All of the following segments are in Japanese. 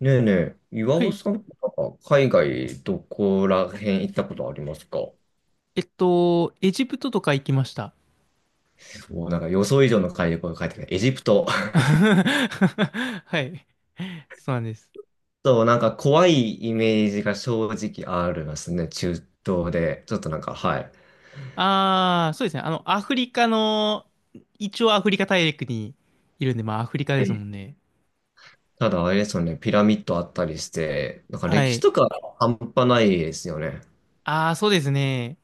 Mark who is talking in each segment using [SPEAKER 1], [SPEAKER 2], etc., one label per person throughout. [SPEAKER 1] ねえねえ、岩
[SPEAKER 2] は
[SPEAKER 1] 尾
[SPEAKER 2] い。
[SPEAKER 1] さんとか海外どこら辺行ったことありますか？
[SPEAKER 2] エジプトとか行きました。
[SPEAKER 1] もうなんか予想以上の海外が帰ってきた。エジプト。
[SPEAKER 2] はい。そうなんです。
[SPEAKER 1] そう、なんか怖いイメージが正直ありますね、中東で。ちょっとなんか、はい。
[SPEAKER 2] ああ、そうですね。アフリカの、一応アフリカ大陸にいるんで、まあアフリカ
[SPEAKER 1] う
[SPEAKER 2] ですも
[SPEAKER 1] ん。
[SPEAKER 2] んね。
[SPEAKER 1] ただあれですよね、ピラミッドあったりして、なんか
[SPEAKER 2] は
[SPEAKER 1] 歴史
[SPEAKER 2] い。
[SPEAKER 1] とか半端ないですよね。
[SPEAKER 2] ああ、そうですね。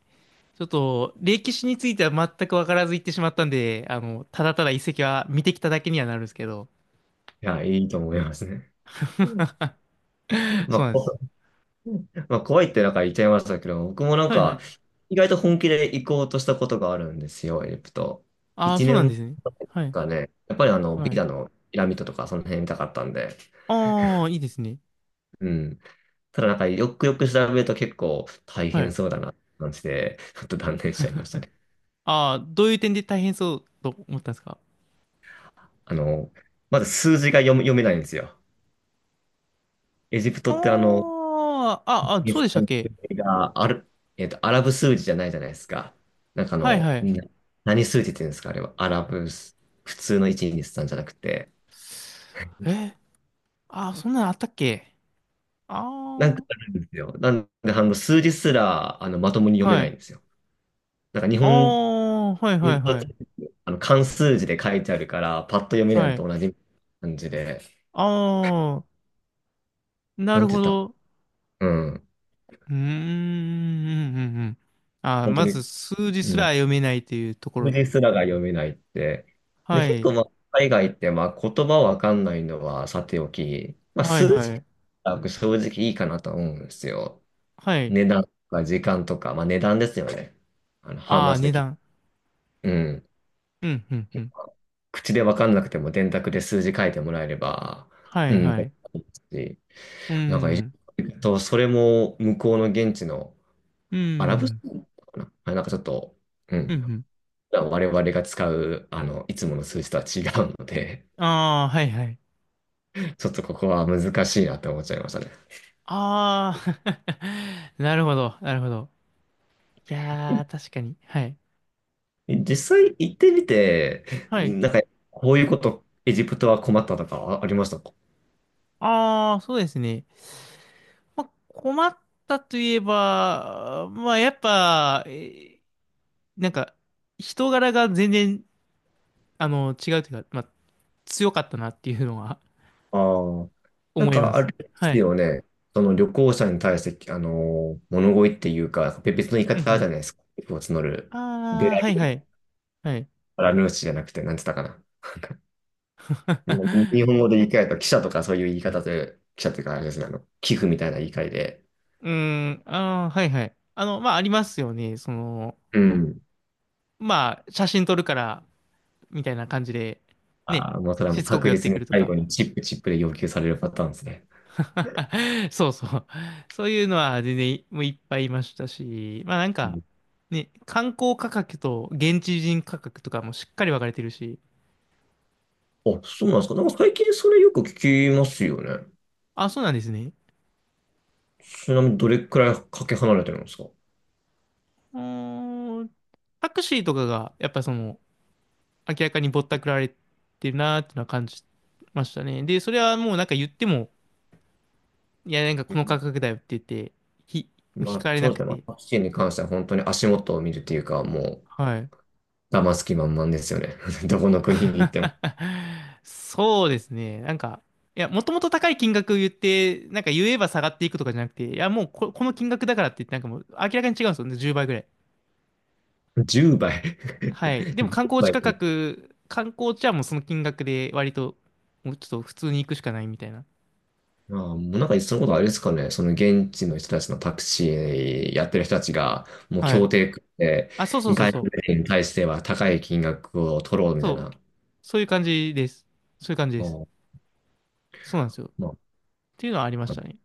[SPEAKER 2] ちょっと、歴史については全くわからず行ってしまったんで、ただただ遺跡は見てきただけにはなるんですけど。
[SPEAKER 1] いや、いいと思いますね。まあ、
[SPEAKER 2] そうなんです。
[SPEAKER 1] こ まあ、怖いってなんか言っちゃいましたけど、僕もなん
[SPEAKER 2] はいは
[SPEAKER 1] か、
[SPEAKER 2] い。
[SPEAKER 1] 意外と本気で行こうとしたことがあるんですよ、エジプト。
[SPEAKER 2] ああ、
[SPEAKER 1] 1
[SPEAKER 2] そうなんで
[SPEAKER 1] 年
[SPEAKER 2] すね。はい。
[SPEAKER 1] がね、やっぱり
[SPEAKER 2] は
[SPEAKER 1] ビ
[SPEAKER 2] い。
[SPEAKER 1] ザのピラミッドとかその辺見たかったんで、
[SPEAKER 2] ああ、いいですね。
[SPEAKER 1] うん。ただなんかよくよく調べると結構大
[SPEAKER 2] は
[SPEAKER 1] 変
[SPEAKER 2] い。
[SPEAKER 1] そうだなって感じで、ちょっと断念しちゃいましたね。
[SPEAKER 2] ああ、どういう点で大変そうと思ったんですか？
[SPEAKER 1] あの、まず数字が読めないんですよ。エジプトって
[SPEAKER 2] ああ、
[SPEAKER 1] イ
[SPEAKER 2] そう
[SPEAKER 1] ス
[SPEAKER 2] でした
[SPEAKER 1] ラ
[SPEAKER 2] っ
[SPEAKER 1] ム数
[SPEAKER 2] け？
[SPEAKER 1] 字がある、アラブ数字じゃないじゃないですか。なんかあ
[SPEAKER 2] はい
[SPEAKER 1] の、
[SPEAKER 2] はい。
[SPEAKER 1] な何数字って言うんですか、あれは。アラブ数、普通の1、2、さんじゃなくて。
[SPEAKER 2] え、あ、そんなのあったっけ？
[SPEAKER 1] なんか
[SPEAKER 2] あ
[SPEAKER 1] あ
[SPEAKER 2] あ
[SPEAKER 1] るんですよ。なんで、数字すら、まともに読め
[SPEAKER 2] は
[SPEAKER 1] ないん
[SPEAKER 2] い。
[SPEAKER 1] ですよ。なんか日
[SPEAKER 2] あ
[SPEAKER 1] 本
[SPEAKER 2] あ、はいはい
[SPEAKER 1] 人と
[SPEAKER 2] はい。
[SPEAKER 1] 漢数字で書いてあるから、パッと読めないの
[SPEAKER 2] はい。
[SPEAKER 1] と同じ感じで、
[SPEAKER 2] ああ、な
[SPEAKER 1] なん
[SPEAKER 2] る
[SPEAKER 1] て
[SPEAKER 2] ほ
[SPEAKER 1] 言った、
[SPEAKER 2] ど。
[SPEAKER 1] うん。
[SPEAKER 2] うーん、うん、うん。うん。あ、
[SPEAKER 1] 本当
[SPEAKER 2] ま
[SPEAKER 1] に、
[SPEAKER 2] ず数字
[SPEAKER 1] う
[SPEAKER 2] すら
[SPEAKER 1] ん。
[SPEAKER 2] 読めないというとこ
[SPEAKER 1] 数
[SPEAKER 2] ろ。
[SPEAKER 1] 字すらが読めないって。で、
[SPEAKER 2] は
[SPEAKER 1] 結
[SPEAKER 2] い。
[SPEAKER 1] 構、まあ、海外って、まあ、言葉わかんないのはさておき、まあ、
[SPEAKER 2] はい
[SPEAKER 1] 数
[SPEAKER 2] は
[SPEAKER 1] 字
[SPEAKER 2] い。
[SPEAKER 1] は僕正直いいかなと思うんですよ。
[SPEAKER 2] はい。
[SPEAKER 1] 値段とか時間とか、まあ、値段ですよね。ハウ
[SPEAKER 2] あ
[SPEAKER 1] マッ
[SPEAKER 2] あ、
[SPEAKER 1] チ
[SPEAKER 2] 値
[SPEAKER 1] でき、
[SPEAKER 2] 段。
[SPEAKER 1] うん。
[SPEAKER 2] うん、うん、うん。
[SPEAKER 1] 口でわかんなくても電卓で数字書いてもらえれば、
[SPEAKER 2] は
[SPEAKER 1] う
[SPEAKER 2] い
[SPEAKER 1] ん。
[SPEAKER 2] はい。
[SPEAKER 1] し、
[SPEAKER 2] うん、
[SPEAKER 1] なんか、
[SPEAKER 2] う
[SPEAKER 1] えっ
[SPEAKER 2] ん、
[SPEAKER 1] それも向こうの現地の
[SPEAKER 2] う
[SPEAKER 1] アラブ数
[SPEAKER 2] ん、
[SPEAKER 1] なかなあ、なんかちょっと、う
[SPEAKER 2] う
[SPEAKER 1] ん。
[SPEAKER 2] ん。
[SPEAKER 1] 我々が使う、いつもの数字とは違うので、
[SPEAKER 2] ああ、はいはい。
[SPEAKER 1] ちょっとここは難しいなって思っちゃいましたね。
[SPEAKER 2] ああ、なるほど、なるほど。いやー、確かに。はい。
[SPEAKER 1] え、実際行ってみて、
[SPEAKER 2] はい。
[SPEAKER 1] なんか、こういうこと、エジプトは困ったとかあありましたか？
[SPEAKER 2] ああそうですね。まあ、困ったといえば、まあ、やっぱ、なんか、人柄が全然、違うというか、まあ、強かったなっていうのは
[SPEAKER 1] ああ。なん
[SPEAKER 2] 思いま
[SPEAKER 1] か、あ
[SPEAKER 2] す。
[SPEAKER 1] れで
[SPEAKER 2] は
[SPEAKER 1] す
[SPEAKER 2] い。
[SPEAKER 1] よね。その旅行者に対して、物乞いっていうか、別の言い
[SPEAKER 2] うん
[SPEAKER 1] 方あるじ
[SPEAKER 2] う
[SPEAKER 1] ゃないですか。寄付を募
[SPEAKER 2] ん。
[SPEAKER 1] る。ベ
[SPEAKER 2] ああ
[SPEAKER 1] ラ
[SPEAKER 2] はいはい。はい。
[SPEAKER 1] ルーシじゃなくて、なんて言ったかな。に 日本語で言い換えると、記者とかそういう言い方という、記者というかあれですね、寄付みたいな言い換えで、
[SPEAKER 2] うーん、ああはいはい。まあ、ありますよね。
[SPEAKER 1] うん。
[SPEAKER 2] まあ、写真撮るから、みたいな感じで、ね、
[SPEAKER 1] ああ、もうそれはも
[SPEAKER 2] し
[SPEAKER 1] う
[SPEAKER 2] つこく
[SPEAKER 1] 確
[SPEAKER 2] 寄って
[SPEAKER 1] 実
[SPEAKER 2] く
[SPEAKER 1] に
[SPEAKER 2] ると
[SPEAKER 1] 最
[SPEAKER 2] か。
[SPEAKER 1] 後にチップチップで要求されるパターンですね。
[SPEAKER 2] そうそう。そういうのは全然もういっぱいいましたし、まあなん
[SPEAKER 1] う
[SPEAKER 2] か、
[SPEAKER 1] ん。
[SPEAKER 2] ね、観光価格と現地人価格とかもしっかり分かれてるし、
[SPEAKER 1] あ、そうなんですか。なんか最近それよく聞きますよね。
[SPEAKER 2] あ、そうなんですね。
[SPEAKER 1] ちなみにどれくらいかけ離れてるんですか？
[SPEAKER 2] うーん、タクシーとかがやっぱ明らかにぼったくられてるなーっていうのは感じましたね。で、それはもうなんか言っても、いやなんか
[SPEAKER 1] う
[SPEAKER 2] この価
[SPEAKER 1] ん。
[SPEAKER 2] 格だよって言って、ひ、引
[SPEAKER 1] まあ、
[SPEAKER 2] かれ
[SPEAKER 1] そう
[SPEAKER 2] な
[SPEAKER 1] で
[SPEAKER 2] く
[SPEAKER 1] すね。まあ、
[SPEAKER 2] て、
[SPEAKER 1] タクシーに関しては本当に足元を見るっていうか、も
[SPEAKER 2] はい。
[SPEAKER 1] う、騙す気満々ですよね。どこの国に行っても。
[SPEAKER 2] そうですね。なんか、いや、もともと高い金額を言って、なんか言えば下がっていくとかじゃなくて、いや、もうこの金額だからって言って、なんかもう明らかに違うんですよね。10倍ぐらい。
[SPEAKER 1] 10倍。
[SPEAKER 2] はい。でも観光地価格、観光地はもうその金額で割と、もうちょっと普通に行くしかないみたいな。
[SPEAKER 1] あー、もうなんか、そのことあれですかね、その現地の人たちのタクシーやってる人たちが、もう
[SPEAKER 2] は
[SPEAKER 1] 協
[SPEAKER 2] い。
[SPEAKER 1] 定組んで、
[SPEAKER 2] あ、そうそうそう
[SPEAKER 1] 外
[SPEAKER 2] そ
[SPEAKER 1] 国
[SPEAKER 2] う。
[SPEAKER 1] 人に対しては高い金額を取ろうみたい
[SPEAKER 2] そう。
[SPEAKER 1] な、
[SPEAKER 2] そういう感じです。そういう感じ
[SPEAKER 1] あ
[SPEAKER 2] です。
[SPEAKER 1] ー、
[SPEAKER 2] そうなんですよ。っ
[SPEAKER 1] まあ、
[SPEAKER 2] ていうのはありまし
[SPEAKER 1] あ
[SPEAKER 2] た
[SPEAKER 1] の
[SPEAKER 2] ね。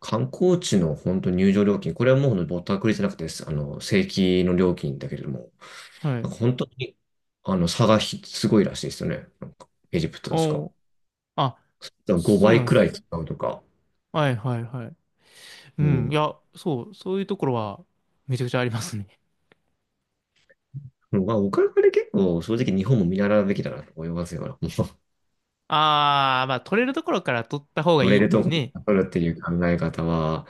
[SPEAKER 1] 観光地の本当入場料金、これはもうぼったくりじゃなくて、正規の料金だけれども、
[SPEAKER 2] は
[SPEAKER 1] な
[SPEAKER 2] い。
[SPEAKER 1] んか本当に、差がひすごいらしいですよね。なんかエジプト確
[SPEAKER 2] お
[SPEAKER 1] か。
[SPEAKER 2] ー。あ、
[SPEAKER 1] だか
[SPEAKER 2] そ
[SPEAKER 1] 5
[SPEAKER 2] うな
[SPEAKER 1] 倍
[SPEAKER 2] んで
[SPEAKER 1] くら
[SPEAKER 2] すね。
[SPEAKER 1] い使うとか、
[SPEAKER 2] はいはいはい。う
[SPEAKER 1] う
[SPEAKER 2] ん、
[SPEAKER 1] ん。
[SPEAKER 2] いや、そう、そういうところはめちゃくちゃありますね。
[SPEAKER 1] まあ、お金で結構、正直日本も見習うべきだなと思いますよ。
[SPEAKER 2] あー、まあ、取れるところから取った方が
[SPEAKER 1] 乗
[SPEAKER 2] い
[SPEAKER 1] れ
[SPEAKER 2] いっ
[SPEAKER 1] る
[SPEAKER 2] てい
[SPEAKER 1] と
[SPEAKER 2] う
[SPEAKER 1] ころ
[SPEAKER 2] ね。
[SPEAKER 1] に取るっていう考え方は、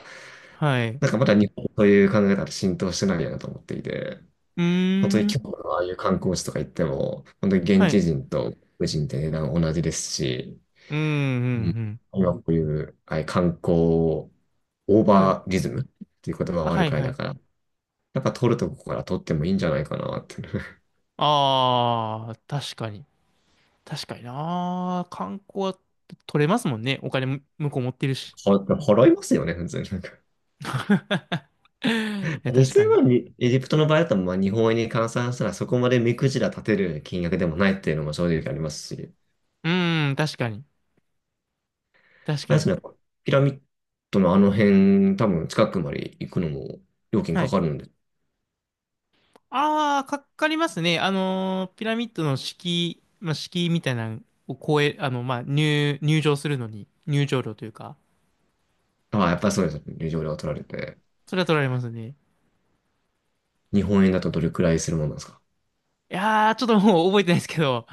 [SPEAKER 2] はい。
[SPEAKER 1] なん
[SPEAKER 2] う
[SPEAKER 1] かまだ日本という考え方浸透してないよなと思っていて、
[SPEAKER 2] ー
[SPEAKER 1] 本当に今日
[SPEAKER 2] ん、
[SPEAKER 1] のああいう観光地とか行っても、本当に現
[SPEAKER 2] は
[SPEAKER 1] 地
[SPEAKER 2] い。
[SPEAKER 1] 人と外国人って値段同じですし、
[SPEAKER 2] うん、うん、
[SPEAKER 1] うん、
[SPEAKER 2] うん。
[SPEAKER 1] 今こういうああいう観光をオー
[SPEAKER 2] はい。
[SPEAKER 1] バーリズムっていう言葉
[SPEAKER 2] あ、
[SPEAKER 1] はある
[SPEAKER 2] はい、
[SPEAKER 1] くらい
[SPEAKER 2] は
[SPEAKER 1] だ
[SPEAKER 2] い。
[SPEAKER 1] から、なんか取るとこから取ってもいいんじゃないかなって。
[SPEAKER 2] あー、確かに。確かにな。観光は取れますもんね。お金も向こう持ってるし。
[SPEAKER 1] ほ払いますよね、普通に。
[SPEAKER 2] いや
[SPEAKER 1] 実
[SPEAKER 2] 確か
[SPEAKER 1] 際
[SPEAKER 2] に。
[SPEAKER 1] はにエジプトの場合だと、まあ、日本円に換算したらそこまで目くじら立てる金額でもないっていうのも正直ありますし、
[SPEAKER 2] うーん、確かに。確
[SPEAKER 1] ま
[SPEAKER 2] か
[SPEAKER 1] あ
[SPEAKER 2] に。
[SPEAKER 1] でね、ピラミッドのあの辺、多分近くまで行くのも料金
[SPEAKER 2] は
[SPEAKER 1] か
[SPEAKER 2] い。
[SPEAKER 1] かるので、
[SPEAKER 2] ああ、かかりますね。ピラミッドの敷居、まあ、敷居みたいなのを超え、まあ、入場するのに、入場料というか、
[SPEAKER 1] ああ、やっぱりそうですよね。入場料が取られて。
[SPEAKER 2] それは取られますね。
[SPEAKER 1] 日本円だとどれくらいするものなんですか？
[SPEAKER 2] いやー、ちょっともう覚えてないですけど、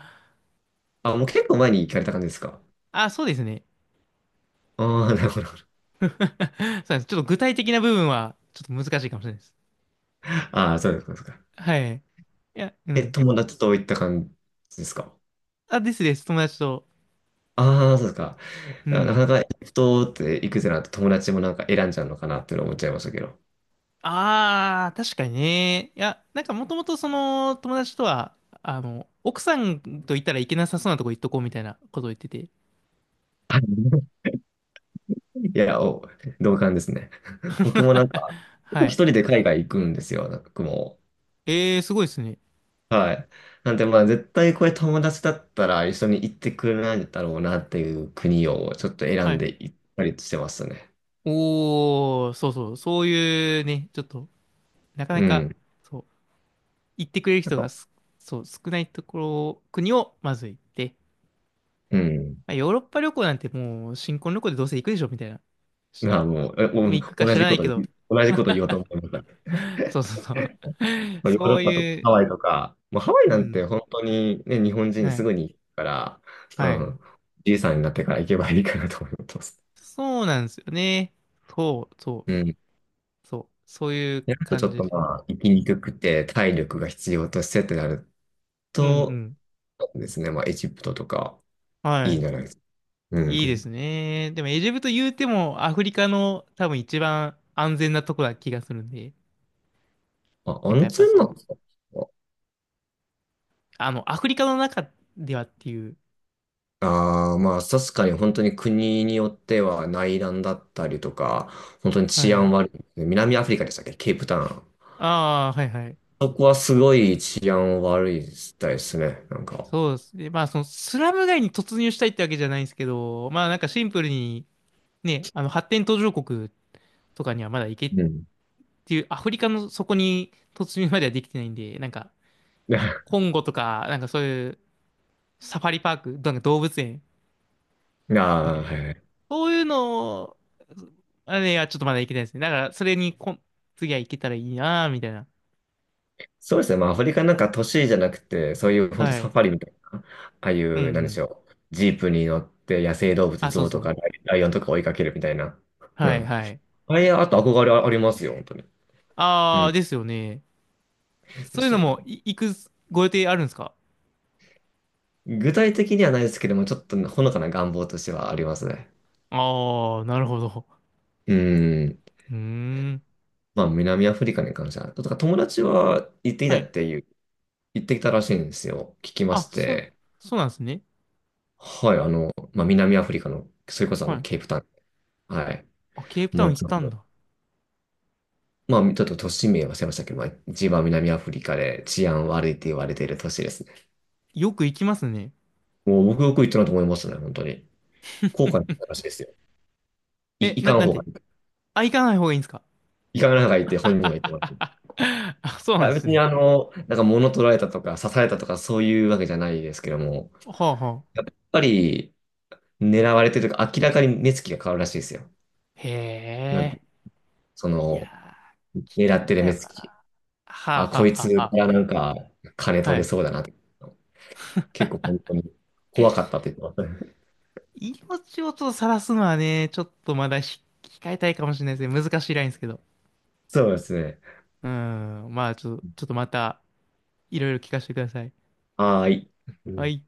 [SPEAKER 1] あ、もう結構前に行かれた感じですか？
[SPEAKER 2] あー、そうですね。
[SPEAKER 1] ああ、なるほど。なるほど。
[SPEAKER 2] そうなんです。ちょっと具体的な部分は、ちょっと難しいかもしれないです。
[SPEAKER 1] ああ、そうですか。そうですか。
[SPEAKER 2] はい。いや、う
[SPEAKER 1] え、
[SPEAKER 2] ん。
[SPEAKER 1] 友達と行った感じですか？
[SPEAKER 2] あ、ですです。友達と。
[SPEAKER 1] ああ、そうですか。
[SPEAKER 2] う
[SPEAKER 1] いやなか
[SPEAKER 2] ん。
[SPEAKER 1] なかエジプトって行くぜなんて友達もなんか選んじゃうのかなっていうのを思っちゃいましたけど。
[SPEAKER 2] あー、確かにね。いや、なんかもともと友達とは、奥さんと行ったらいけなさそうなとこ行っとこうみたいなことを言ってて。
[SPEAKER 1] はい。いや、お、同感ですね。僕もなんか、結構
[SPEAKER 2] は
[SPEAKER 1] 一
[SPEAKER 2] い。
[SPEAKER 1] 人で海外行くんですよ、僕も。
[SPEAKER 2] ええ、すごいですね。
[SPEAKER 1] はい。なんで、まあ、絶対これ友達だったら一緒に行ってくれないだろうなっていう国をちょっと選
[SPEAKER 2] は
[SPEAKER 1] ん
[SPEAKER 2] い。
[SPEAKER 1] で行ったりしてますね。
[SPEAKER 2] おー、そうそう、そういうね、ちょっと、なかな
[SPEAKER 1] う
[SPEAKER 2] か、
[SPEAKER 1] ん。
[SPEAKER 2] そう、行ってくれる
[SPEAKER 1] なん
[SPEAKER 2] 人が
[SPEAKER 1] か、
[SPEAKER 2] そう、少ないところ、国をまず行って、
[SPEAKER 1] うん。
[SPEAKER 2] まあ、ヨーロッパ旅行なんてもう、新婚旅行でどうせ行くでしょ、みたいな。し
[SPEAKER 1] まあ、もう、え、
[SPEAKER 2] 行く
[SPEAKER 1] お
[SPEAKER 2] か
[SPEAKER 1] 同
[SPEAKER 2] 知
[SPEAKER 1] じ
[SPEAKER 2] らな
[SPEAKER 1] こ
[SPEAKER 2] い
[SPEAKER 1] と
[SPEAKER 2] け
[SPEAKER 1] 言
[SPEAKER 2] ど、
[SPEAKER 1] う、同じこと言おうと思いました。
[SPEAKER 2] そうそうそう。
[SPEAKER 1] まあヨー
[SPEAKER 2] そ
[SPEAKER 1] ロッ
[SPEAKER 2] う
[SPEAKER 1] パとか
[SPEAKER 2] い
[SPEAKER 1] ハ
[SPEAKER 2] う、
[SPEAKER 1] ワイとか、まあ、ハワイ
[SPEAKER 2] う
[SPEAKER 1] なん
[SPEAKER 2] ん、
[SPEAKER 1] て本当にね、日本人
[SPEAKER 2] は
[SPEAKER 1] す
[SPEAKER 2] い、
[SPEAKER 1] ぐに行くから、う
[SPEAKER 2] はい。
[SPEAKER 1] ん。じいさんになってから行けばいいかなと思ってます。
[SPEAKER 2] そうなんですよね。そう、そ
[SPEAKER 1] うん。
[SPEAKER 2] う、そう、そういう
[SPEAKER 1] であとち
[SPEAKER 2] 感
[SPEAKER 1] ょっ
[SPEAKER 2] じ
[SPEAKER 1] と
[SPEAKER 2] で。
[SPEAKER 1] まあ、生きにくくて体力が必要としてってなる
[SPEAKER 2] うん、う
[SPEAKER 1] と、
[SPEAKER 2] ん。
[SPEAKER 1] そうですね、まあ、エジプトとか
[SPEAKER 2] は
[SPEAKER 1] いいん
[SPEAKER 2] い。
[SPEAKER 1] じゃないですか。う
[SPEAKER 2] いいです
[SPEAKER 1] ん。
[SPEAKER 2] ね。でもエジプト言うてもアフリカの多分一番安全なとこな気がするんで、
[SPEAKER 1] あ、
[SPEAKER 2] なんか
[SPEAKER 1] 温
[SPEAKER 2] やっぱ
[SPEAKER 1] 泉なんですか？
[SPEAKER 2] アフリカの中ではっていう。
[SPEAKER 1] ああー、まあ、確かに本当に国によっては内乱だったりとか、本当に
[SPEAKER 2] は
[SPEAKER 1] 治安
[SPEAKER 2] い。
[SPEAKER 1] 悪い。南アフリカでしたっけ、ケープタウン。
[SPEAKER 2] ああ、はいはい。
[SPEAKER 1] そこはすごい治安悪いみたいですね。なんか。
[SPEAKER 2] そうですね。まあそのスラム街に突入したいってわけじゃないんですけど、まあなんかシンプルにね、あの発展途上国とかにはまだ行けっ
[SPEAKER 1] うん。
[SPEAKER 2] ていう、アフリカのそこに突入まではできてないんで、なんかコ ンゴとか、なんかそういうサファリパーク、なんか動物園
[SPEAKER 1] あ
[SPEAKER 2] みた
[SPEAKER 1] あ、
[SPEAKER 2] い
[SPEAKER 1] は
[SPEAKER 2] な。
[SPEAKER 1] いはい。
[SPEAKER 2] そういうのを、あれはちょっとまだいけないですね。だから、それに次はいけたらいいなぁ、みたいな。
[SPEAKER 1] そうですね。まあ、アフリカなんか都市じゃなくて、そういう本当
[SPEAKER 2] は
[SPEAKER 1] サ
[SPEAKER 2] い。
[SPEAKER 1] ファリみたいな、ああい
[SPEAKER 2] うん
[SPEAKER 1] う、なん
[SPEAKER 2] う
[SPEAKER 1] でし
[SPEAKER 2] ん。
[SPEAKER 1] ょう。ジープに乗って野生動物、
[SPEAKER 2] あ、そ
[SPEAKER 1] ゾ
[SPEAKER 2] う
[SPEAKER 1] ウ
[SPEAKER 2] そ
[SPEAKER 1] と
[SPEAKER 2] う。
[SPEAKER 1] かライライオンとか追いかけるみたいな。う
[SPEAKER 2] はい
[SPEAKER 1] ん。
[SPEAKER 2] はい。
[SPEAKER 1] あれ、あと憧れありますよ、本当に。
[SPEAKER 2] あ
[SPEAKER 1] う
[SPEAKER 2] あ、
[SPEAKER 1] ん。
[SPEAKER 2] ですよね。
[SPEAKER 1] で
[SPEAKER 2] そういう
[SPEAKER 1] す
[SPEAKER 2] の
[SPEAKER 1] よ
[SPEAKER 2] も、
[SPEAKER 1] ね。
[SPEAKER 2] 行くご予定あるんですか？
[SPEAKER 1] 具体的にはないですけども、ちょっとほのかな願望としてはありますね。
[SPEAKER 2] ああー、なるほど。
[SPEAKER 1] うん。
[SPEAKER 2] うーん。
[SPEAKER 1] まあ、南アフリカに関しては、とか友達は行ってき
[SPEAKER 2] は
[SPEAKER 1] た
[SPEAKER 2] い。
[SPEAKER 1] っていう、行ってきたらしいんですよ。聞きまし
[SPEAKER 2] あ、
[SPEAKER 1] て。
[SPEAKER 2] そうなんですね。
[SPEAKER 1] はい、まあ、南アフリカの、それこそ
[SPEAKER 2] はい。
[SPEAKER 1] ケープタウン。はい。
[SPEAKER 2] あ、ケープタ
[SPEAKER 1] も
[SPEAKER 2] ウ
[SPEAKER 1] の
[SPEAKER 2] ン行っ
[SPEAKER 1] すご
[SPEAKER 2] たん
[SPEAKER 1] く
[SPEAKER 2] だ。
[SPEAKER 1] まあ、ちょっと都市名は忘れましたけど、まあ、一番南アフリカで治安悪いって言われている都市ですね。
[SPEAKER 2] よく行きますね。
[SPEAKER 1] もう僕よく言ったなと思いましたね、本当に。後悔の話ですよ。い、
[SPEAKER 2] え、
[SPEAKER 1] いかん
[SPEAKER 2] なん
[SPEAKER 1] 方が
[SPEAKER 2] て
[SPEAKER 1] いい。
[SPEAKER 2] あ、行かない方がいいんですか？
[SPEAKER 1] いかん方がいいって 本人は言ってもらって。い
[SPEAKER 2] あ、そうなんで
[SPEAKER 1] や別
[SPEAKER 2] す
[SPEAKER 1] に
[SPEAKER 2] ね。
[SPEAKER 1] なんか物取られたとか刺されたとかそういうわけじゃないですけども、
[SPEAKER 2] はあは
[SPEAKER 1] や
[SPEAKER 2] あ。
[SPEAKER 1] っぱり狙われてるというか明らかに目つきが変わるらしいですよ。
[SPEAKER 2] へ
[SPEAKER 1] なんか、
[SPEAKER 2] え。
[SPEAKER 1] そ
[SPEAKER 2] いや
[SPEAKER 1] の、
[SPEAKER 2] ー、
[SPEAKER 1] 狙
[SPEAKER 2] 危
[SPEAKER 1] っ
[SPEAKER 2] 険
[SPEAKER 1] てる
[SPEAKER 2] だ
[SPEAKER 1] 目
[SPEAKER 2] よ
[SPEAKER 1] つ
[SPEAKER 2] な。
[SPEAKER 1] き。
[SPEAKER 2] はあ
[SPEAKER 1] あ、
[SPEAKER 2] はあ
[SPEAKER 1] こいつ
[SPEAKER 2] はあは
[SPEAKER 1] がなんか金
[SPEAKER 2] あ。は
[SPEAKER 1] 取れ
[SPEAKER 2] い。
[SPEAKER 1] そうだなって。結構本当に怖かったって言ってましたね。
[SPEAKER 2] 命をちょっと晒すのはね、ちょっとまだ控えたいかもしれないですね。難しいラインですけど。
[SPEAKER 1] そうですね。
[SPEAKER 2] うーん。まあ、ちょっとまた、いろいろ聞かせてください。
[SPEAKER 1] はーい。
[SPEAKER 2] はい。